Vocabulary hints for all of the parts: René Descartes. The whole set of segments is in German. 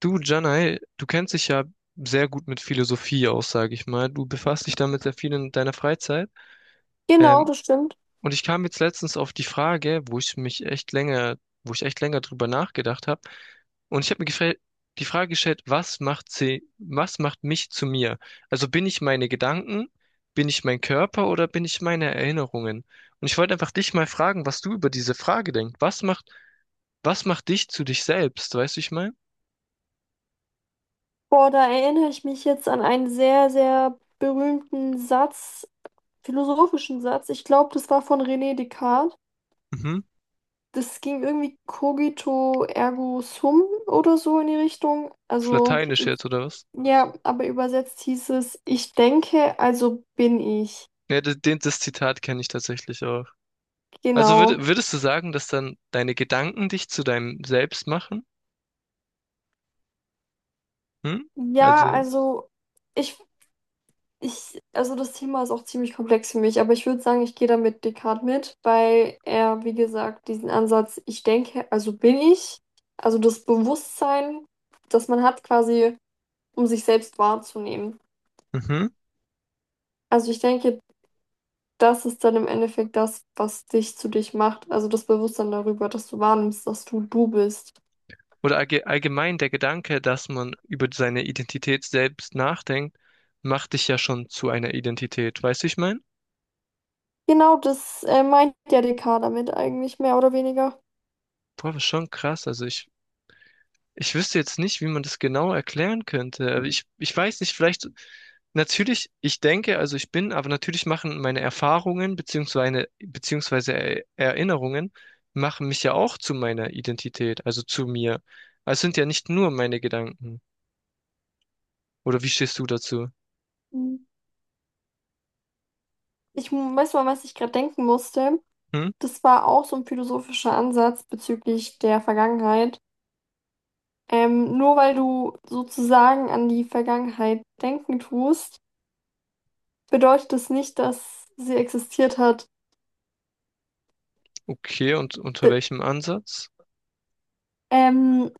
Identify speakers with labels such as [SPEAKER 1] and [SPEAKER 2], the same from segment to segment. [SPEAKER 1] Du, Janai, du kennst dich ja sehr gut mit Philosophie aus, sage ich mal. Du befasst dich damit sehr viel in deiner Freizeit.
[SPEAKER 2] Genau,
[SPEAKER 1] Ähm,
[SPEAKER 2] das stimmt.
[SPEAKER 1] und ich kam jetzt letztens auf die Frage, wo ich echt länger drüber nachgedacht habe. Und ich habe mir die Frage gestellt, was macht mich zu mir? Also bin ich meine Gedanken, bin ich mein Körper oder bin ich meine Erinnerungen? Und ich wollte einfach dich mal fragen, was du über diese Frage denkst. Was macht dich zu dich selbst? Weißt du, ich meine?
[SPEAKER 2] Boah, da erinnere ich mich jetzt an einen sehr, sehr berühmten Satz, philosophischen Satz. Ich glaube, das war von René Descartes.
[SPEAKER 1] Mhm.
[SPEAKER 2] Das ging irgendwie cogito ergo sum oder so in die Richtung.
[SPEAKER 1] Auf
[SPEAKER 2] Also
[SPEAKER 1] Lateinisch jetzt oder was?
[SPEAKER 2] ja, aber übersetzt hieß es, ich denke, also bin ich.
[SPEAKER 1] Ja, das Zitat kenne ich tatsächlich auch. Also
[SPEAKER 2] Genau.
[SPEAKER 1] würdest du sagen, dass dann deine Gedanken dich zu deinem Selbst machen? Hm?
[SPEAKER 2] Ja,
[SPEAKER 1] Also.
[SPEAKER 2] also ich Ich, also das Thema ist auch ziemlich komplex für mich, aber ich würde sagen, ich gehe da mit Descartes mit, weil er, wie gesagt, diesen Ansatz, ich denke, also bin ich, also das Bewusstsein, das man hat quasi, um sich selbst wahrzunehmen.
[SPEAKER 1] Mhm.
[SPEAKER 2] Also ich denke, das ist dann im Endeffekt das, was dich zu dich macht, also das Bewusstsein darüber, dass du wahrnimmst, dass du du bist.
[SPEAKER 1] Oder allgemein der Gedanke, dass man über seine Identität selbst nachdenkt, macht dich ja schon zu einer Identität. Weißt du, wie ich meine?
[SPEAKER 2] Genau das meint ja Descartes damit eigentlich, mehr oder weniger.
[SPEAKER 1] Boah, das ist schon krass. Ich wüsste jetzt nicht, wie man das genau erklären könnte. Aber ich weiß nicht, vielleicht, natürlich, ich denke, also ich bin, aber natürlich machen meine Erfahrungen beziehungsweise Erinnerungen machen mich ja auch zu meiner Identität, also zu mir. Also es sind ja nicht nur meine Gedanken. Oder wie stehst du dazu?
[SPEAKER 2] Weiß mal, was ich gerade denken musste.
[SPEAKER 1] Hm?
[SPEAKER 2] Das war auch so ein philosophischer Ansatz bezüglich der Vergangenheit. Nur weil du sozusagen an die Vergangenheit denken tust, bedeutet das nicht, dass sie existiert hat.
[SPEAKER 1] Okay, und unter
[SPEAKER 2] D
[SPEAKER 1] welchem Ansatz?
[SPEAKER 2] ähm,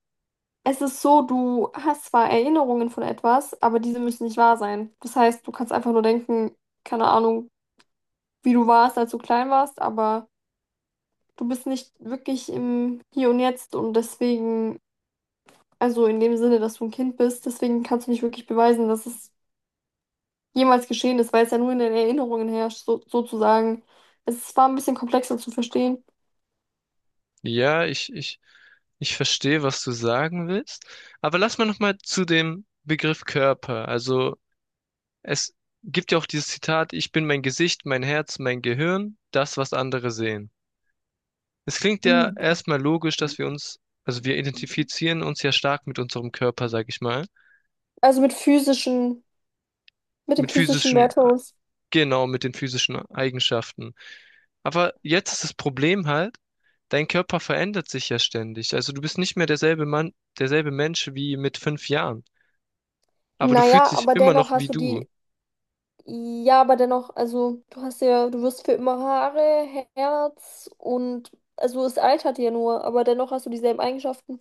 [SPEAKER 2] Es ist so, du hast zwar Erinnerungen von etwas, aber diese müssen nicht wahr sein. Das heißt, du kannst einfach nur denken, keine Ahnung, wie du warst, als du klein warst, aber du bist nicht wirklich im Hier und Jetzt und deswegen, also in dem Sinne, dass du ein Kind bist, deswegen kannst du nicht wirklich beweisen, dass es jemals geschehen ist, weil es ja nur in den Erinnerungen herrscht, so, sozusagen. Es war ein bisschen komplexer zu verstehen.
[SPEAKER 1] Ja, ich verstehe, was du sagen willst. Aber lass mal nochmal zu dem Begriff Körper. Also, es gibt ja auch dieses Zitat, ich bin mein Gesicht, mein Herz, mein Gehirn, das, was andere sehen. Es klingt ja erstmal logisch, dass also wir identifizieren uns ja stark mit unserem Körper, sag ich mal,
[SPEAKER 2] Also mit physischen, mit dem
[SPEAKER 1] mit
[SPEAKER 2] physischen
[SPEAKER 1] physischen,
[SPEAKER 2] Wertverlust.
[SPEAKER 1] genau, mit den physischen Eigenschaften. Aber jetzt ist das Problem halt, dein Körper verändert sich ja ständig. Also du bist nicht mehr derselbe Mensch wie mit fünf Jahren. Aber du fühlst
[SPEAKER 2] Naja,
[SPEAKER 1] dich
[SPEAKER 2] aber
[SPEAKER 1] immer
[SPEAKER 2] dennoch
[SPEAKER 1] noch wie
[SPEAKER 2] hast du
[SPEAKER 1] du.
[SPEAKER 2] die, ja, aber dennoch, also du hast ja, du wirst für immer Haare, Herz und, also es altert ja nur, aber dennoch hast du dieselben Eigenschaften.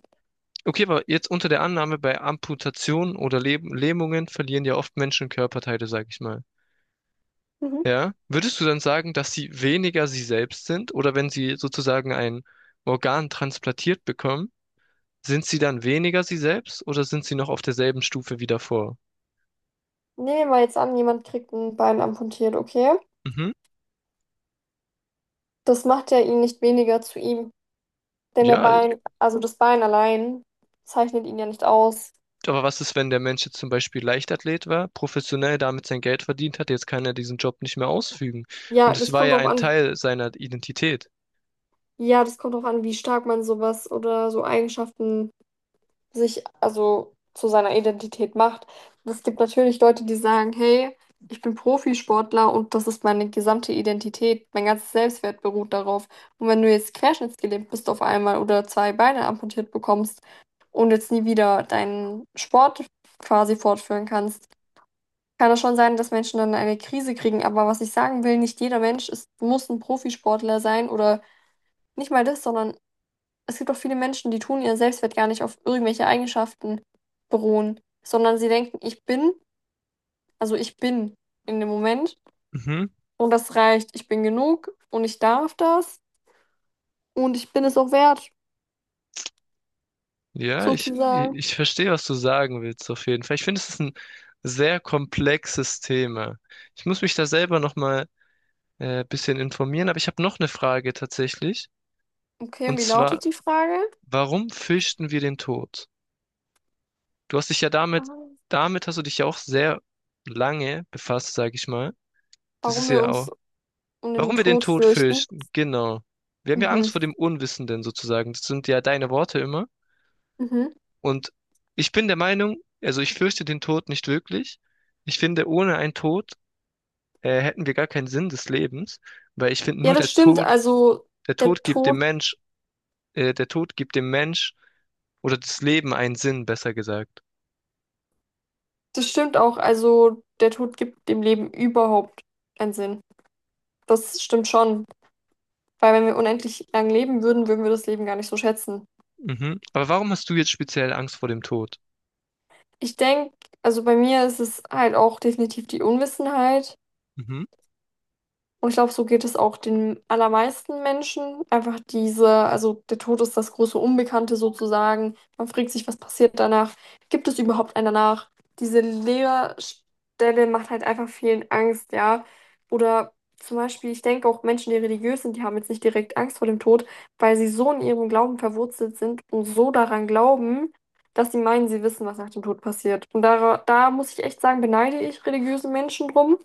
[SPEAKER 1] Okay, aber jetzt unter der Annahme, bei Amputationen oder Lähmungen verlieren ja oft Menschen Körperteile, sag ich mal.
[SPEAKER 2] Mhm.
[SPEAKER 1] Ja? Würdest du dann sagen, dass sie weniger sie selbst sind? Oder wenn sie sozusagen ein Organ transplantiert bekommen, sind sie dann weniger sie selbst oder sind sie noch auf derselben Stufe wie davor?
[SPEAKER 2] Nehmen wir jetzt an, jemand kriegt ein Bein amputiert, okay?
[SPEAKER 1] Mhm.
[SPEAKER 2] Das macht ja ihn nicht weniger zu ihm, denn der
[SPEAKER 1] Ja,
[SPEAKER 2] Bein, also das Bein allein zeichnet ihn ja nicht aus.
[SPEAKER 1] aber was ist, wenn der Mensch jetzt zum Beispiel Leichtathlet war, professionell damit sein Geld verdient hat, jetzt kann er diesen Job nicht mehr ausfügen.
[SPEAKER 2] Ja,
[SPEAKER 1] Und es
[SPEAKER 2] das
[SPEAKER 1] war
[SPEAKER 2] kommt
[SPEAKER 1] ja
[SPEAKER 2] drauf
[SPEAKER 1] ein
[SPEAKER 2] an,
[SPEAKER 1] Teil seiner Identität.
[SPEAKER 2] ja, das kommt drauf an, wie stark man sowas oder so Eigenschaften sich, also zu seiner Identität macht. Es gibt natürlich Leute, die sagen, hey, ich bin Profisportler und das ist meine gesamte Identität, mein ganzes Selbstwert beruht darauf. Und wenn du jetzt querschnittsgelähmt bist auf einmal oder zwei Beine amputiert bekommst und jetzt nie wieder deinen Sport quasi fortführen kannst, kann es schon sein, dass Menschen dann eine Krise kriegen. Aber was ich sagen will, nicht jeder Mensch ist, muss ein Profisportler sein oder nicht mal das, sondern es gibt auch viele Menschen, die tun ihren Selbstwert gar nicht auf irgendwelche Eigenschaften beruhen, sondern sie denken, ich bin, also ich bin in dem Moment
[SPEAKER 1] Mhm.
[SPEAKER 2] und das reicht. Ich bin genug und ich darf das und ich bin es auch wert,
[SPEAKER 1] Ja, ich,
[SPEAKER 2] sozusagen.
[SPEAKER 1] ich verstehe, was du sagen willst, auf jeden Fall. Ich finde, es ist ein sehr komplexes Thema. Ich muss mich da selber nochmal ein bisschen informieren, aber ich habe noch eine Frage tatsächlich.
[SPEAKER 2] Okay, und
[SPEAKER 1] Und
[SPEAKER 2] wie
[SPEAKER 1] zwar,
[SPEAKER 2] lautet die Frage?
[SPEAKER 1] warum fürchten wir den Tod? Du hast dich ja damit,
[SPEAKER 2] Ah.
[SPEAKER 1] damit hast du dich ja auch sehr lange befasst, sage ich mal. Das ist
[SPEAKER 2] Warum wir
[SPEAKER 1] ja auch,
[SPEAKER 2] uns um den
[SPEAKER 1] warum wir den
[SPEAKER 2] Tod
[SPEAKER 1] Tod
[SPEAKER 2] fürchten?
[SPEAKER 1] fürchten, genau. Wir haben ja Angst
[SPEAKER 2] Mhm.
[SPEAKER 1] vor dem Unwissenden sozusagen. Das sind ja deine Worte immer.
[SPEAKER 2] Mhm.
[SPEAKER 1] Und ich bin der Meinung, also ich fürchte den Tod nicht wirklich. Ich finde, ohne einen Tod hätten wir gar keinen Sinn des Lebens, weil ich finde,
[SPEAKER 2] Ja,
[SPEAKER 1] nur
[SPEAKER 2] das
[SPEAKER 1] der
[SPEAKER 2] stimmt.
[SPEAKER 1] Tod, der
[SPEAKER 2] Der
[SPEAKER 1] Tod gibt dem
[SPEAKER 2] Tod,
[SPEAKER 1] Mensch, äh, der Tod gibt dem Mensch oder das Leben einen Sinn, besser gesagt.
[SPEAKER 2] das stimmt auch. Also der Tod gibt dem Leben überhaupt keinen Sinn. Das stimmt schon. Weil wenn wir unendlich lang leben würden, würden wir das Leben gar nicht so schätzen.
[SPEAKER 1] Mhm. Aber warum hast du jetzt speziell Angst vor dem Tod?
[SPEAKER 2] Ich denke, also bei mir ist es halt auch definitiv die Unwissenheit.
[SPEAKER 1] Mhm,
[SPEAKER 2] Und ich glaube, so geht es auch den allermeisten Menschen. Einfach diese, also der Tod ist das große Unbekannte sozusagen. Man fragt sich, was passiert danach? Gibt es überhaupt einen danach? Diese Leerstelle macht halt einfach vielen Angst, ja. Oder zum Beispiel, ich denke auch Menschen, die religiös sind, die haben jetzt nicht direkt Angst vor dem Tod, weil sie so in ihrem Glauben verwurzelt sind und so daran glauben, dass sie meinen, sie wissen, was nach dem Tod passiert. Und da, da muss ich echt sagen, beneide ich religiöse Menschen drum.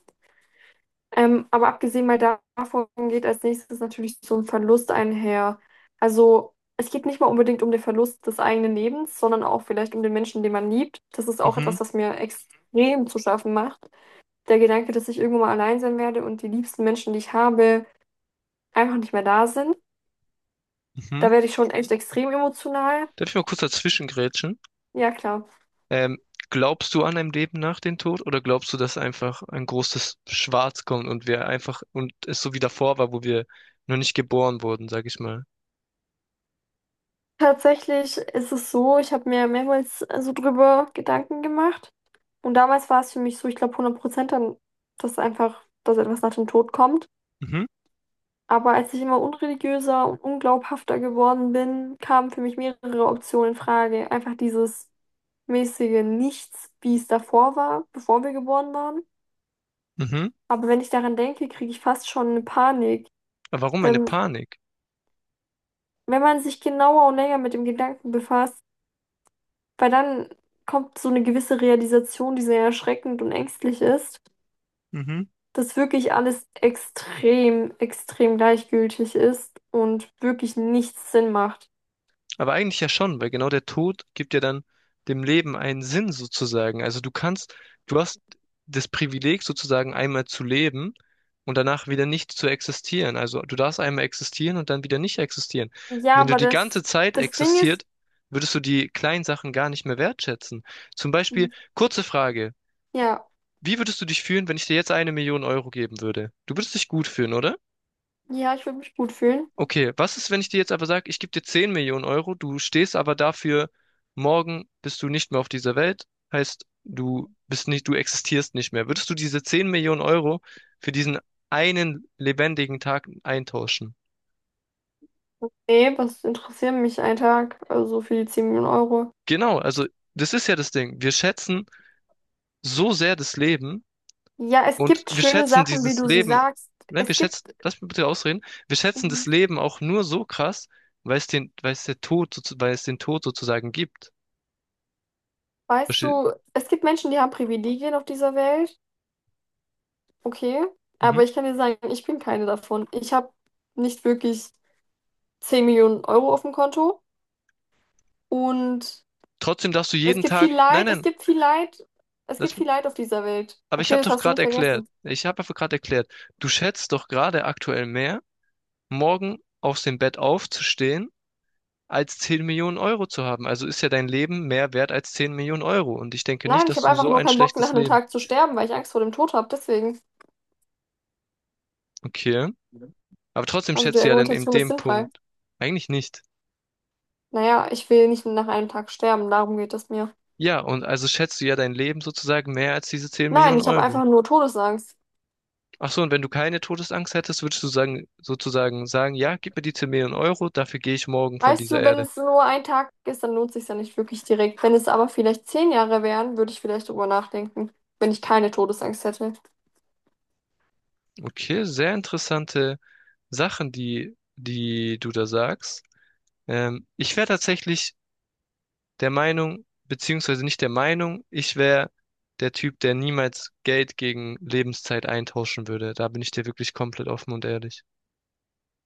[SPEAKER 2] Aber abgesehen mal davon geht als nächstes natürlich so ein Verlust einher. Also es geht nicht mal unbedingt um den Verlust des eigenen Lebens, sondern auch vielleicht um den Menschen, den man liebt. Das ist auch
[SPEAKER 1] mhm,
[SPEAKER 2] etwas, was mir extrem zu schaffen macht. Der Gedanke, dass ich irgendwann mal allein sein werde und die liebsten Menschen, die ich habe, einfach nicht mehr da sind.
[SPEAKER 1] mhm.
[SPEAKER 2] Da werde ich schon echt extrem emotional.
[SPEAKER 1] Darf ich mal kurz dazwischen.
[SPEAKER 2] Ja, klar.
[SPEAKER 1] Ähm, glaubst du an ein Leben nach dem Tod oder glaubst du, dass einfach ein großes Schwarz kommt und wir einfach und es so wie davor war, wo wir noch nicht geboren wurden, sag ich mal?
[SPEAKER 2] Tatsächlich ist es so, ich habe mir mehrmals so drüber Gedanken gemacht. Und damals war es für mich so, ich glaube 100% dann, dass einfach, dass etwas nach dem Tod kommt.
[SPEAKER 1] Mhm,
[SPEAKER 2] Aber als ich immer unreligiöser und unglaubhafter geworden bin, kamen für mich mehrere Optionen in Frage. Einfach dieses mäßige Nichts, wie es davor war, bevor wir geboren waren.
[SPEAKER 1] mhm.
[SPEAKER 2] Aber wenn ich daran denke, kriege ich fast schon eine Panik.
[SPEAKER 1] Aber warum eine
[SPEAKER 2] Wenn,
[SPEAKER 1] Panik?
[SPEAKER 2] wenn man sich genauer und länger mit dem Gedanken befasst, weil dann kommt so eine gewisse Realisation, die sehr erschreckend und ängstlich ist,
[SPEAKER 1] Mhm.
[SPEAKER 2] dass wirklich alles extrem, extrem gleichgültig ist und wirklich nichts Sinn macht.
[SPEAKER 1] Aber eigentlich ja schon, weil genau der Tod gibt ja dann dem Leben einen Sinn sozusagen. Also du hast das Privileg sozusagen einmal zu leben und danach wieder nicht zu existieren. Also du darfst einmal existieren und dann wieder nicht existieren.
[SPEAKER 2] Ja,
[SPEAKER 1] Wenn du
[SPEAKER 2] aber
[SPEAKER 1] die
[SPEAKER 2] das,
[SPEAKER 1] ganze Zeit
[SPEAKER 2] das Ding ist,
[SPEAKER 1] existiert, würdest du die kleinen Sachen gar nicht mehr wertschätzen. Zum Beispiel, kurze Frage,
[SPEAKER 2] ja,
[SPEAKER 1] wie würdest du dich fühlen, wenn ich dir jetzt eine Million Euro geben würde? Du würdest dich gut fühlen, oder?
[SPEAKER 2] ja, ich würde mich gut fühlen.
[SPEAKER 1] Okay, was ist, wenn ich dir jetzt aber sage, ich gebe dir 10 Millionen Euro, du stehst aber dafür, morgen bist du nicht mehr auf dieser Welt, heißt, du bist nicht, du existierst nicht mehr. Würdest du diese 10 Millionen Euro für diesen einen lebendigen Tag eintauschen?
[SPEAKER 2] Nee, was interessiert mich ein Tag? Also für die 10 Millionen Euro.
[SPEAKER 1] Genau, also das ist ja das Ding. Wir schätzen so sehr das Leben
[SPEAKER 2] Ja, es
[SPEAKER 1] und
[SPEAKER 2] gibt
[SPEAKER 1] wir
[SPEAKER 2] schöne
[SPEAKER 1] schätzen
[SPEAKER 2] Sachen, wie
[SPEAKER 1] dieses
[SPEAKER 2] du sie
[SPEAKER 1] Leben,
[SPEAKER 2] sagst.
[SPEAKER 1] nein, wir
[SPEAKER 2] Es gibt,
[SPEAKER 1] schätzen, lass mich bitte ausreden, wir schätzen
[SPEAKER 2] mhm,
[SPEAKER 1] das Leben auch nur so krass, weil es den Tod sozusagen gibt.
[SPEAKER 2] weißt
[SPEAKER 1] Verste-
[SPEAKER 2] du, es gibt Menschen, die haben Privilegien auf dieser Welt. Okay,
[SPEAKER 1] Mhm.
[SPEAKER 2] aber ich kann dir sagen, ich bin keine davon. Ich habe nicht wirklich 10 Millionen Euro auf dem Konto und
[SPEAKER 1] Trotzdem darfst du
[SPEAKER 2] es
[SPEAKER 1] jeden
[SPEAKER 2] gibt viel
[SPEAKER 1] Tag. Nein,
[SPEAKER 2] Leid, es
[SPEAKER 1] nein,
[SPEAKER 2] gibt viel Leid, es
[SPEAKER 1] das,
[SPEAKER 2] gibt viel Leid auf dieser Welt.
[SPEAKER 1] aber ich
[SPEAKER 2] Okay,
[SPEAKER 1] habe
[SPEAKER 2] das
[SPEAKER 1] doch
[SPEAKER 2] hast du nicht
[SPEAKER 1] gerade erklärt.
[SPEAKER 2] vergessen.
[SPEAKER 1] Ich habe einfach gerade erklärt, du schätzt doch gerade aktuell mehr, morgen aus dem Bett aufzustehen, als 10 Millionen Euro zu haben. Also ist ja dein Leben mehr wert als 10 Millionen Euro. Und ich denke nicht,
[SPEAKER 2] Nein, ich
[SPEAKER 1] dass
[SPEAKER 2] habe
[SPEAKER 1] du
[SPEAKER 2] einfach
[SPEAKER 1] so
[SPEAKER 2] nur
[SPEAKER 1] ein
[SPEAKER 2] keinen Bock, nach
[SPEAKER 1] schlechtes
[SPEAKER 2] einem
[SPEAKER 1] Leben.
[SPEAKER 2] Tag zu sterben, weil ich Angst vor dem Tod habe. Deswegen,
[SPEAKER 1] Okay. Aber trotzdem
[SPEAKER 2] also die
[SPEAKER 1] schätzt du ja dann in
[SPEAKER 2] Argumentation ist
[SPEAKER 1] dem
[SPEAKER 2] sinnfrei.
[SPEAKER 1] Punkt. Eigentlich nicht.
[SPEAKER 2] Naja, ich will nicht nach einem Tag sterben, darum geht es mir.
[SPEAKER 1] Ja, und also schätzt du ja dein Leben sozusagen mehr als diese 10
[SPEAKER 2] Nein,
[SPEAKER 1] Millionen
[SPEAKER 2] ich habe
[SPEAKER 1] Euro.
[SPEAKER 2] einfach nur Todesangst.
[SPEAKER 1] Ach so, und wenn du keine Todesangst hättest, würdest du sagen, ja, gib mir die 10 Millionen Euro, dafür gehe ich morgen von
[SPEAKER 2] Weißt
[SPEAKER 1] dieser
[SPEAKER 2] du, wenn
[SPEAKER 1] Erde.
[SPEAKER 2] es nur ein Tag ist, dann lohnt sich ja nicht wirklich direkt. Wenn es aber vielleicht 10 Jahre wären, würde ich vielleicht drüber nachdenken, wenn ich keine Todesangst hätte.
[SPEAKER 1] Okay, sehr interessante Sachen, die du da sagst. Ich wäre tatsächlich der Meinung, beziehungsweise nicht der Meinung, ich wäre der Typ, der niemals Geld gegen Lebenszeit eintauschen würde. Da bin ich dir wirklich komplett offen und ehrlich.